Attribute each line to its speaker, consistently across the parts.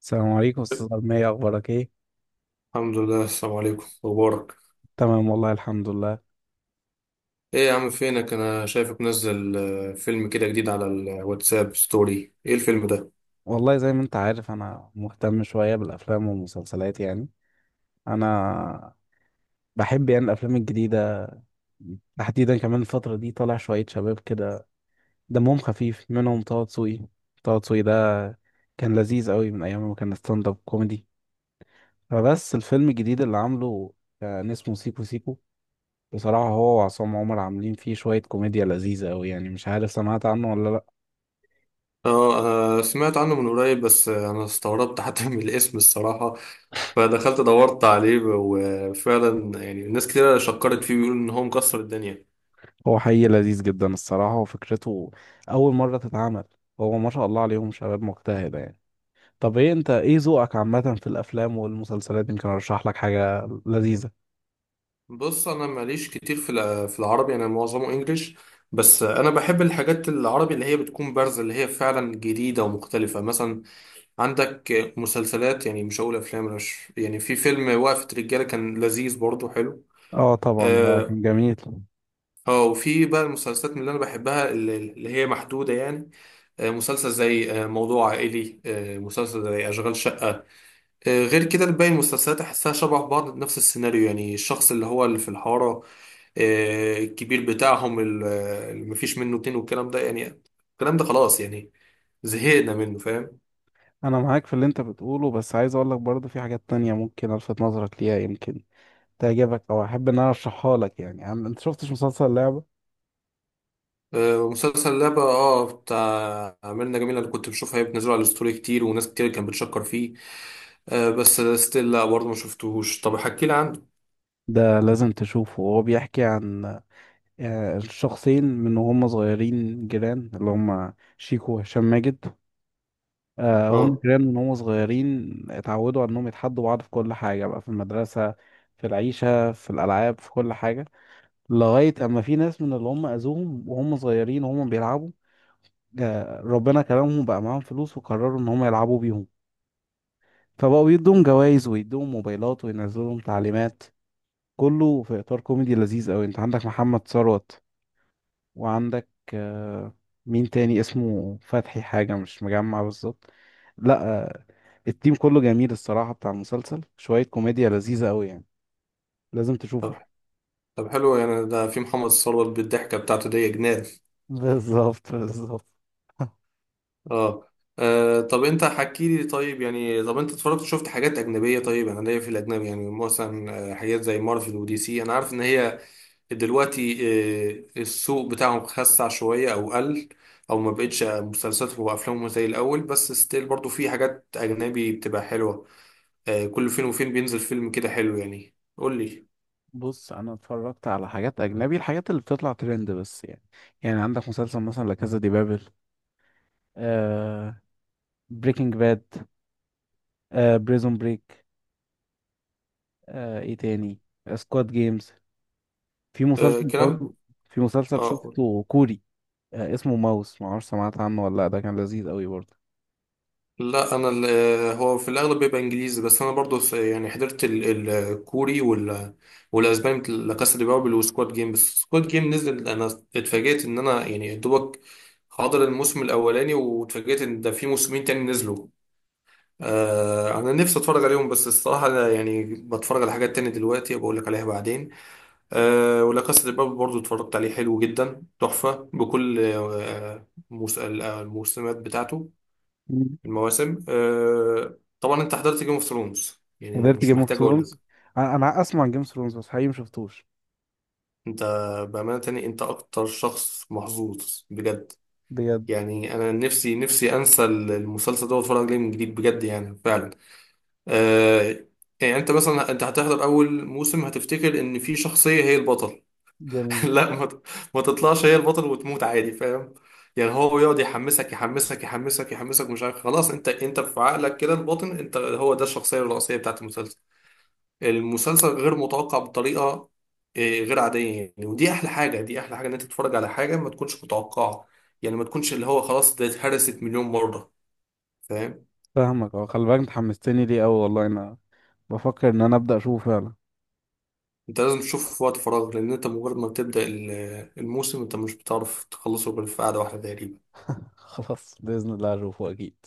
Speaker 1: السلام عليكم، استاذ أرمية. اخبارك ايه؟
Speaker 2: الحمد لله. السلام عليكم مبارك.
Speaker 1: تمام، والله الحمد لله.
Speaker 2: ايه يا عم فينك؟ انا شايفك منزل فيلم كده جديد على الواتساب ستوري. ايه الفيلم ده؟
Speaker 1: والله زي ما انت عارف، انا مهتم شوية بالافلام والمسلسلات يعني. انا بحب يعني الافلام الجديدة. تحديدا كمان الفترة دي طالع شوية شباب كده دمهم خفيف، منهم طه دسوقي. طه دسوقي ده كان لذيذ قوي من ايام ما كان ستاند اب كوميدي. فبس الفيلم الجديد اللي عامله كان اسمه سيكو سيكو. بصراحة هو وعصام عمر عاملين فيه شوية كوميديا لذيذة قوي يعني، مش عارف سمعت عنه ولا لأ.
Speaker 2: اه، سمعت عنه من قريب، بس انا استغربت حتى من الاسم الصراحة، فدخلت دورت عليه، وفعلا يعني ناس كتير شكرت فيه بيقولوا ان هو مكسر الدنيا.
Speaker 1: هو حقيقي لذيذ جدا الصراحة، وفكرته أول مرة تتعمل. هو ما شاء الله عليهم شباب مجتهدة يعني. طب انت ايه ذوقك عامة في الأفلام والمسلسلات؟ يمكن أرشح لك حاجة لذيذة.
Speaker 2: بص انا ماليش كتير في في العربي، انا معظمه انجليش، بس انا بحب الحاجات العربي اللي هي بتكون بارزة، اللي هي فعلا جديدة ومختلفة. مثلا عندك مسلسلات، يعني مش هقول افلام، أنا مش يعني في فيلم وقفة رجالة كان لذيذ برضه حلو.
Speaker 1: اه، طبعا ده
Speaker 2: اه،
Speaker 1: كان جميل.
Speaker 2: وفي بقى المسلسلات من اللي انا بحبها اللي هي محدودة يعني. مسلسل زي موضوع عائلي، مسلسل زي اشغال شقة. غير كده باقي المسلسلات احسها شبه بعض، نفس السيناريو، يعني الشخص اللي هو اللي في الحارة، الكبير بتاعهم، اللي مفيش منه اتنين، والكلام ده يعني، الكلام ده خلاص يعني، زهقنا منه، فاهم؟
Speaker 1: أنا معاك في اللي انت بتقوله، بس عايز أقول لك برضه في حاجات تانية ممكن ألفت نظرك ليها، يمكن تعجبك أو أحب إن أنا أرشحها لك. يعني انت شفتش مسلسل لعبة؟
Speaker 2: ومسلسل لعبة، اه، بتاع ميرنا جميلة اللي كنت بشوفها هي بتنزله على الستوري كتير، وناس كتير كانت بتشكر فيه. آه، بس ستيل لا برضه ما شفتهوش، طب احكي لي عنه.
Speaker 1: ده لازم تشوفه. هو بيحكي عن الشخصين من وهم صغيرين جيران، اللي هم شيكو وهشام ماجد. هم
Speaker 2: اه.
Speaker 1: كمان من هم صغيرين اتعودوا على انهم يتحدوا بعض في كل حاجة، بقى في المدرسة، في العيشة، في الألعاب، في كل حاجة. لغاية أما في ناس من اللي هم أذوهم وهم صغيرين وهم بيلعبوا، ربنا كرمهم بقى معاهم فلوس وقرروا إن هم يلعبوا بيهم. فبقوا يدوهم جوائز ويدوهم موبايلات وينزلوا لهم تعليمات، كله في إطار كوميدي لذيذ أوي. أنت عندك محمد ثروت، وعندك آه، مين تاني اسمه فتحي حاجة، مش مجمع بالظبط. لا، التيم كله جميل الصراحة بتاع المسلسل، شوية كوميديا لذيذة قوي يعني. لازم تشوفه.
Speaker 2: طب، طب حلو يعني، ده في محمد ثروت بالضحكة بتاعته دي يا جنان.
Speaker 1: بالظبط بالظبط.
Speaker 2: اه، طب انت حكي لي طيب، يعني طب انت اتفرجت شفت حاجات اجنبيه؟ طيب انا ليا في الاجنبي، يعني مثلا حاجات زي مارفل ودي سي، انا عارف ان هي دلوقتي السوق بتاعهم خسع شوية أو قل، أو ما بقتش مسلسلاتهم وأفلامهم زي الأول، بس ستيل برضو في حاجات أجنبي بتبقى حلوة. كل فين وفين بينزل فيلم كده حلو، يعني قول لي.
Speaker 1: بص، انا اتفرجت على حاجات اجنبي، الحاجات اللي بتطلع ترند بس يعني. يعني عندك مسلسل مثلا لا كازا دي بابل، آه بريكنج باد، بريزون بريك، ايه تاني، سكواد جيمز. في مسلسل
Speaker 2: كلام.
Speaker 1: برضو. في مسلسل
Speaker 2: آه قول.
Speaker 1: شفته كوري اسمه ماوس، ما اعرفش سمعت عنه ولا لا، ده كان لذيذ قوي برضه.
Speaker 2: لا، أنا هو في الأغلب بيبقى إنجليزي، بس أنا برضو يعني حضرت الكوري وال والأسباني، مثل لا كاسا دي بابل وسكواد جيم. بس سكواد جيم نزل، أنا اتفاجئت إن أنا يعني يا دوبك حاضر الموسم الأولاني، واتفاجئت إن ده في موسمين تاني نزلوا. آه انا نفسي اتفرج عليهم، بس الصراحه أنا يعني بتفرج على حاجات تانية دلوقتي، بقول لك عليها بعدين. آه ولا كاسا دي بابل برضو اتفرجت عليه، حلو جدا تحفه بكل آه الموسمات بتاعته،
Speaker 1: مم.
Speaker 2: المواسم. آه طبعا انت حضرت جيم اوف ثرونز، يعني
Speaker 1: قدرت
Speaker 2: مش
Speaker 1: جيم اوف
Speaker 2: محتاج اقول لك.
Speaker 1: ثرونز؟ أنا اسمع عن جيم اوف ثرونز بس حقيقي مشفتوش.
Speaker 2: انت بامانه تاني انت اكتر شخص محظوظ بجد.
Speaker 1: بجد.
Speaker 2: يعني انا نفسي نفسي انسى المسلسل ده واتفرج عليه من جديد، بجد يعني فعلا. آه، يعني انت مثلا انت هتحضر اول موسم هتفتكر ان في شخصية هي البطل.
Speaker 1: جميل.
Speaker 2: لا، ما, ت- ما تطلعش هي البطل وتموت عادي، فاهم؟ يعني هو يقعد يحمسك يحمسك مش عارف، خلاص انت في عقلك كده الباطن انت هو ده الشخصية الرئيسية بتاعت المسلسل. المسلسل غير متوقع بطريقة غير عادية، يعني ودي احلى حاجة، دي احلى حاجة ان انت تتفرج على حاجة ما تكونش متوقعة، يعني ما تكونش اللي هو خلاص ده اتهرست مليون مرة، فاهم؟
Speaker 1: فاهمك. اه، خلي بالك انت حمستني ليه قوي، والله انا بفكر ان انا ابدا اشوفه فعلا.
Speaker 2: انت لازم تشوفه في وقت فراغ، لان انت مجرد ما بتبدأ الموسم انت مش بتعرف تخلصه غير في قعدة واحدة تقريبا.
Speaker 1: خلاص، باذن الله اشوفه اكيد.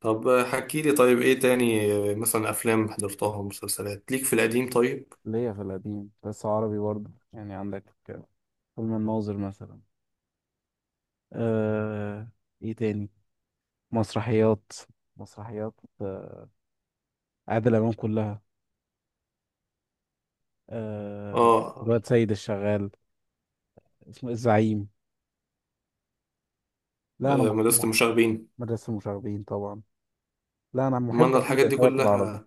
Speaker 2: طب حكي لي طيب ايه تاني، اه، مثلا افلام حضرتها ومسلسلات ليك في القديم طيب.
Speaker 1: ليا في القديم بس عربي برضه، يعني عندك فيلم الناظر مثلا. آه... ايه تاني؟ مسرحيات. مسرحيات آه، عادل امام كلها. آه...
Speaker 2: اه.
Speaker 1: الواد سيد الشغال. اسمه إيه؟ الزعيم. لا، انا
Speaker 2: اه، مدرسة
Speaker 1: محب
Speaker 2: المشاغبين.
Speaker 1: مدرسه المشاغبين طبعا. لا، انا
Speaker 2: ما انا
Speaker 1: محب أكيد
Speaker 2: الحاجات دي
Speaker 1: الحاجات العربي.
Speaker 2: كلها.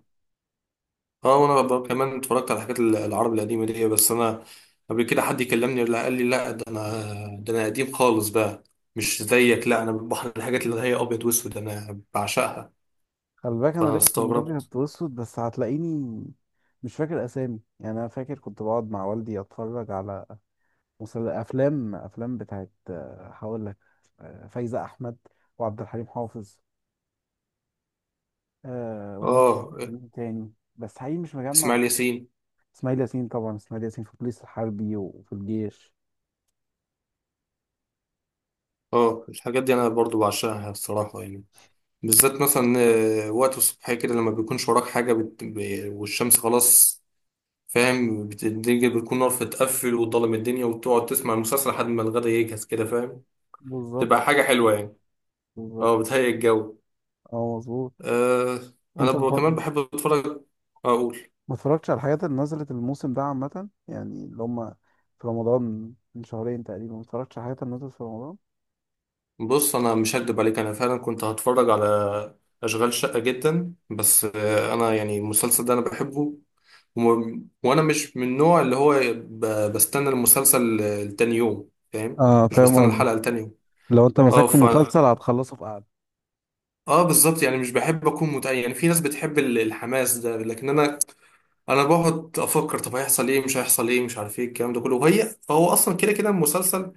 Speaker 2: اه، وانا كمان اتفرجت على الحاجات العرب القديمة دي، بس انا قبل كده حد يكلمني لا قال لي لا، ده انا قديم خالص بقى، مش زيك. لا انا بحر الحاجات اللي هي ابيض واسود انا بعشقها،
Speaker 1: خلي بالك انا
Speaker 2: فانا
Speaker 1: لعبت في
Speaker 2: استغربت.
Speaker 1: الابيض والاسود، بس هتلاقيني مش فاكر اسامي يعني. انا فاكر كنت بقعد مع والدي اتفرج على افلام بتاعت هقول لك فايزة احمد وعبد الحليم حافظ. ومين
Speaker 2: اه،
Speaker 1: مين تاني بس حقيقي مش
Speaker 2: اسماعيل
Speaker 1: مجمع.
Speaker 2: ياسين.
Speaker 1: اسماعيل ياسين طبعا. اسماعيل ياسين في البوليس الحربي وفي الجيش.
Speaker 2: اه الحاجات دي انا برضو بعشقها الصراحه يعني، بالذات مثلا وقت الصبح كده، لما بيكونش وراك حاجه والشمس خلاص، فاهم؟ الدنيا بتكون نار، فتقفل وضلم الدنيا وتقعد تسمع المسلسل لحد ما الغدا يجهز كده، فاهم؟
Speaker 1: بالظبط
Speaker 2: تبقى حاجه حلوه يعني.
Speaker 1: بالظبط.
Speaker 2: اه بتهيئ الجو.
Speaker 1: اه، مظبوط.
Speaker 2: آه، انا
Speaker 1: انت
Speaker 2: كمان بحب اتفرج. اقول،
Speaker 1: ما اتفرجتش على الحاجات اللي نزلت الموسم ده عامة، يعني اللي هم في رمضان، من شهرين تقريبا، ما اتفرجتش على الحاجات اللي نزلت في رمضان.
Speaker 2: بص انا مش هكدب عليك، انا فعلا كنت هتفرج على اشغال شقه جدا، بس آه انا يعني المسلسل ده انا بحبه، وانا مش من النوع اللي هو بستنى المسلسل لتاني يوم، فاهم؟
Speaker 1: اه،
Speaker 2: مش
Speaker 1: فاهم
Speaker 2: بستنى
Speaker 1: قصدي،
Speaker 2: الحلقة لتاني يوم.
Speaker 1: لو انت
Speaker 2: اه
Speaker 1: مسكت
Speaker 2: ف،
Speaker 1: مسلسل هتخلصه في قعدة.
Speaker 2: اه بالظبط، يعني مش بحب اكون متأيل، يعني في ناس بتحب الحماس ده، لكن انا بقعد افكر طب هيحصل ايه مش هيحصل ايه، مش عارف ايه الكلام ده كله، وهي هو اصلا كده كده المسلسل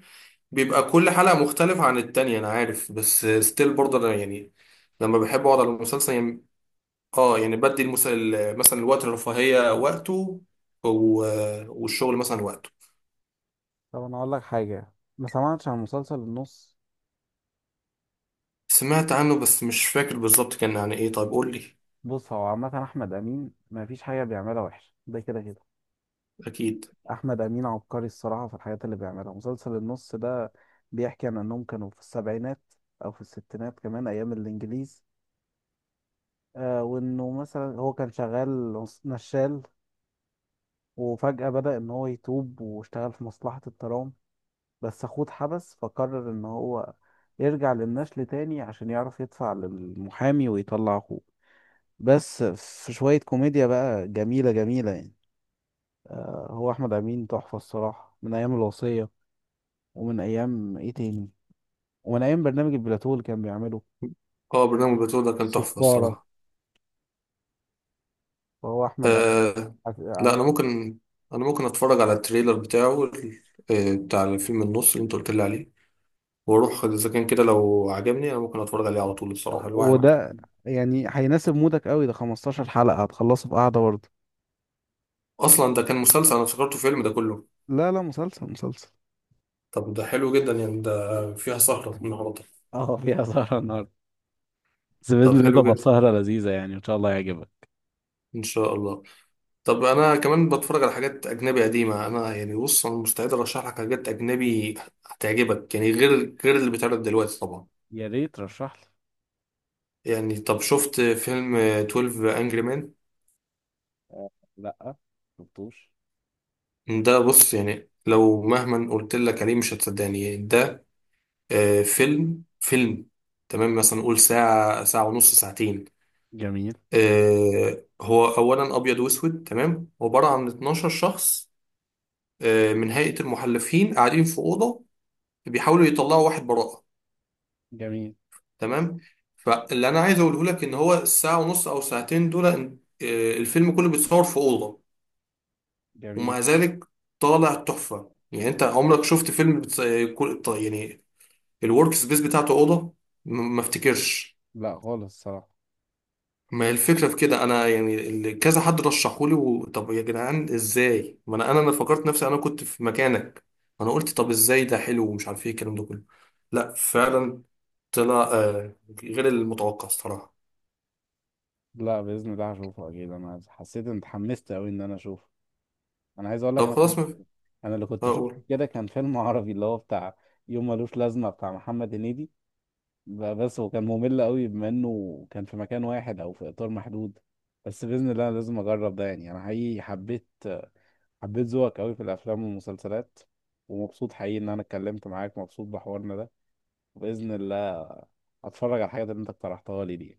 Speaker 2: بيبقى كل حلقة مختلفة عن التانية، انا عارف بس ستيل برضه انا يعني لما بحب اقعد على المسلسل يعني. اه يعني بدي مثلا الوقت الرفاهية وقته، و... والشغل مثلا وقته.
Speaker 1: طب انا اقول لك حاجة، ما سمعتش عن مسلسل النص؟
Speaker 2: سمعت عنه بس مش فاكر بالظبط كان عن ايه، طيب قول لي.
Speaker 1: بص، هو عامة احمد امين ما فيش حاجة بيعملها وحشة، ده كده كده.
Speaker 2: اكيد.
Speaker 1: احمد امين عبقري الصراحة في الحاجات اللي بيعملها. مسلسل النص ده بيحكي عن انهم كانوا في السبعينات او في الستينات، كمان ايام الانجليز. آه، وانه مثلا هو كان شغال نشال، وفجأة بدأ إن هو يتوب واشتغل في مصلحة الترام. بس أخوه اتحبس، فقرر إن هو يرجع للنشل تاني عشان يعرف يدفع للمحامي ويطلع أخوه. بس في شوية كوميديا بقى جميلة جميلة يعني. آه، هو أحمد أمين تحفة الصراحة من أيام الوصية، ومن أيام إيه تاني، ومن أيام برنامج البلاتو اللي كان بيعمله،
Speaker 2: اه برنامج بتوع ده كان تحفه
Speaker 1: الصفارة.
Speaker 2: الصراحه.
Speaker 1: فهو أحمد أمين
Speaker 2: آه. لا
Speaker 1: عمل.
Speaker 2: انا ممكن، انا ممكن اتفرج على التريلر بتاعه بتاع الفيلم النص اللي انت قلت لي عليه، واروح اذا كان كده، لو عجبني انا ممكن اتفرج عليه على طول الصراحه الواحد.
Speaker 1: وده يعني هيناسب مودك قوي، ده 15 حلقة هتخلصه في قعدة برضه.
Speaker 2: اصلا ده كان مسلسل؟ انا افتكرته فيلم ده كله.
Speaker 1: لا لا، مسلسل مسلسل.
Speaker 2: طب ده حلو جدا يعني، ده فيها سهره النهارده.
Speaker 1: اه، فيها سهرة النهاردة، بس بإذن
Speaker 2: طب
Speaker 1: الله
Speaker 2: حلو
Speaker 1: تبقى
Speaker 2: جدا.
Speaker 1: سهرة لذيذة يعني، إن شاء الله يعجبك.
Speaker 2: ان شاء الله. طب انا كمان بتفرج على حاجات اجنبي قديمه، انا يعني بص انا مستعد ارشح لك حاجات اجنبي هتعجبك، يعني غير اللي بيتعرض دلوقتي طبعا.
Speaker 1: يا ريت رشح لي.
Speaker 2: يعني طب شفت فيلم 12 انجري مان؟
Speaker 1: لأ، شفتوش.
Speaker 2: ده بص، يعني لو مهما قلت لك عليه مش هتصدقني. ده فيلم فيلم تمام مثلا نقول ساعه، ساعه ونص، ساعتين.
Speaker 1: جميل
Speaker 2: هو اولا ابيض واسود، تمام، عباره عن 12 شخص من هيئه المحلفين قاعدين في اوضه، بيحاولوا يطلعوا واحد براءه،
Speaker 1: جميل
Speaker 2: تمام. فاللي انا عايز اقوله لك ان هو الساعه ونص او ساعتين دول الفيلم كله بيتصور في اوضه،
Speaker 1: جميل.
Speaker 2: ومع ذلك طالع تحفه. يعني انت عمرك شفت فيلم بتص... آه، كل- ط- يعني الورك سبيس بتاعته اوضه؟ ما افتكرش.
Speaker 1: لا، خالص الصراحة.
Speaker 2: ما هي الفكره في كده، انا يعني اللي كذا حد رشحولي و... طب يا جدعان ازاي؟ ما انا أنا فكرت نفسي انا كنت في مكانك، انا قلت طب ازاي ده حلو، ومش عارف ايه الكلام ده كله. لا فعلا طلع غير المتوقع الصراحه.
Speaker 1: لا، بإذن الله هشوفه أكيد، أنا حسيت إن اتحمست أوي إن أنا أشوفه. أنا عايز أقول لك.
Speaker 2: طب خلاص. ما
Speaker 1: أنا اللي كنت شفته
Speaker 2: أقول،
Speaker 1: كده كان فيلم عربي اللي هو بتاع يوم ملوش لازمة بتاع محمد هنيدي. بس هو كان ممل أوي بما إنه كان في مكان واحد أو في إطار محدود. بس بإذن الله أنا لازم أجرب ده يعني. أنا حقيقي حبيت ذوقك قوي في الافلام والمسلسلات، ومبسوط حقيقي ان انا اتكلمت معاك، مبسوط بحوارنا ده. وباذن الله هتفرج على الحاجات اللي انت اقترحتها لي دي.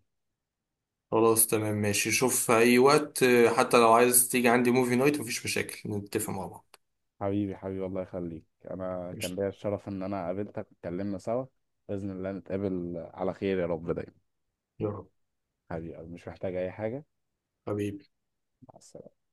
Speaker 2: خلاص تمام ماشي. شوف في أي وقت، حتى لو عايز تيجي عندي موفي نايت مفيش مشاكل، نتفق مع بعض.
Speaker 1: حبيبي حبيبي الله يخليك. انا كان
Speaker 2: قشطة.
Speaker 1: ليا الشرف ان انا قابلتك واتكلمنا سوا. باذن الله نتقابل على خير يا رب دايما.
Speaker 2: يا رب.
Speaker 1: حبيبي، مش محتاج اي حاجه.
Speaker 2: حبيبي.
Speaker 1: مع السلامه.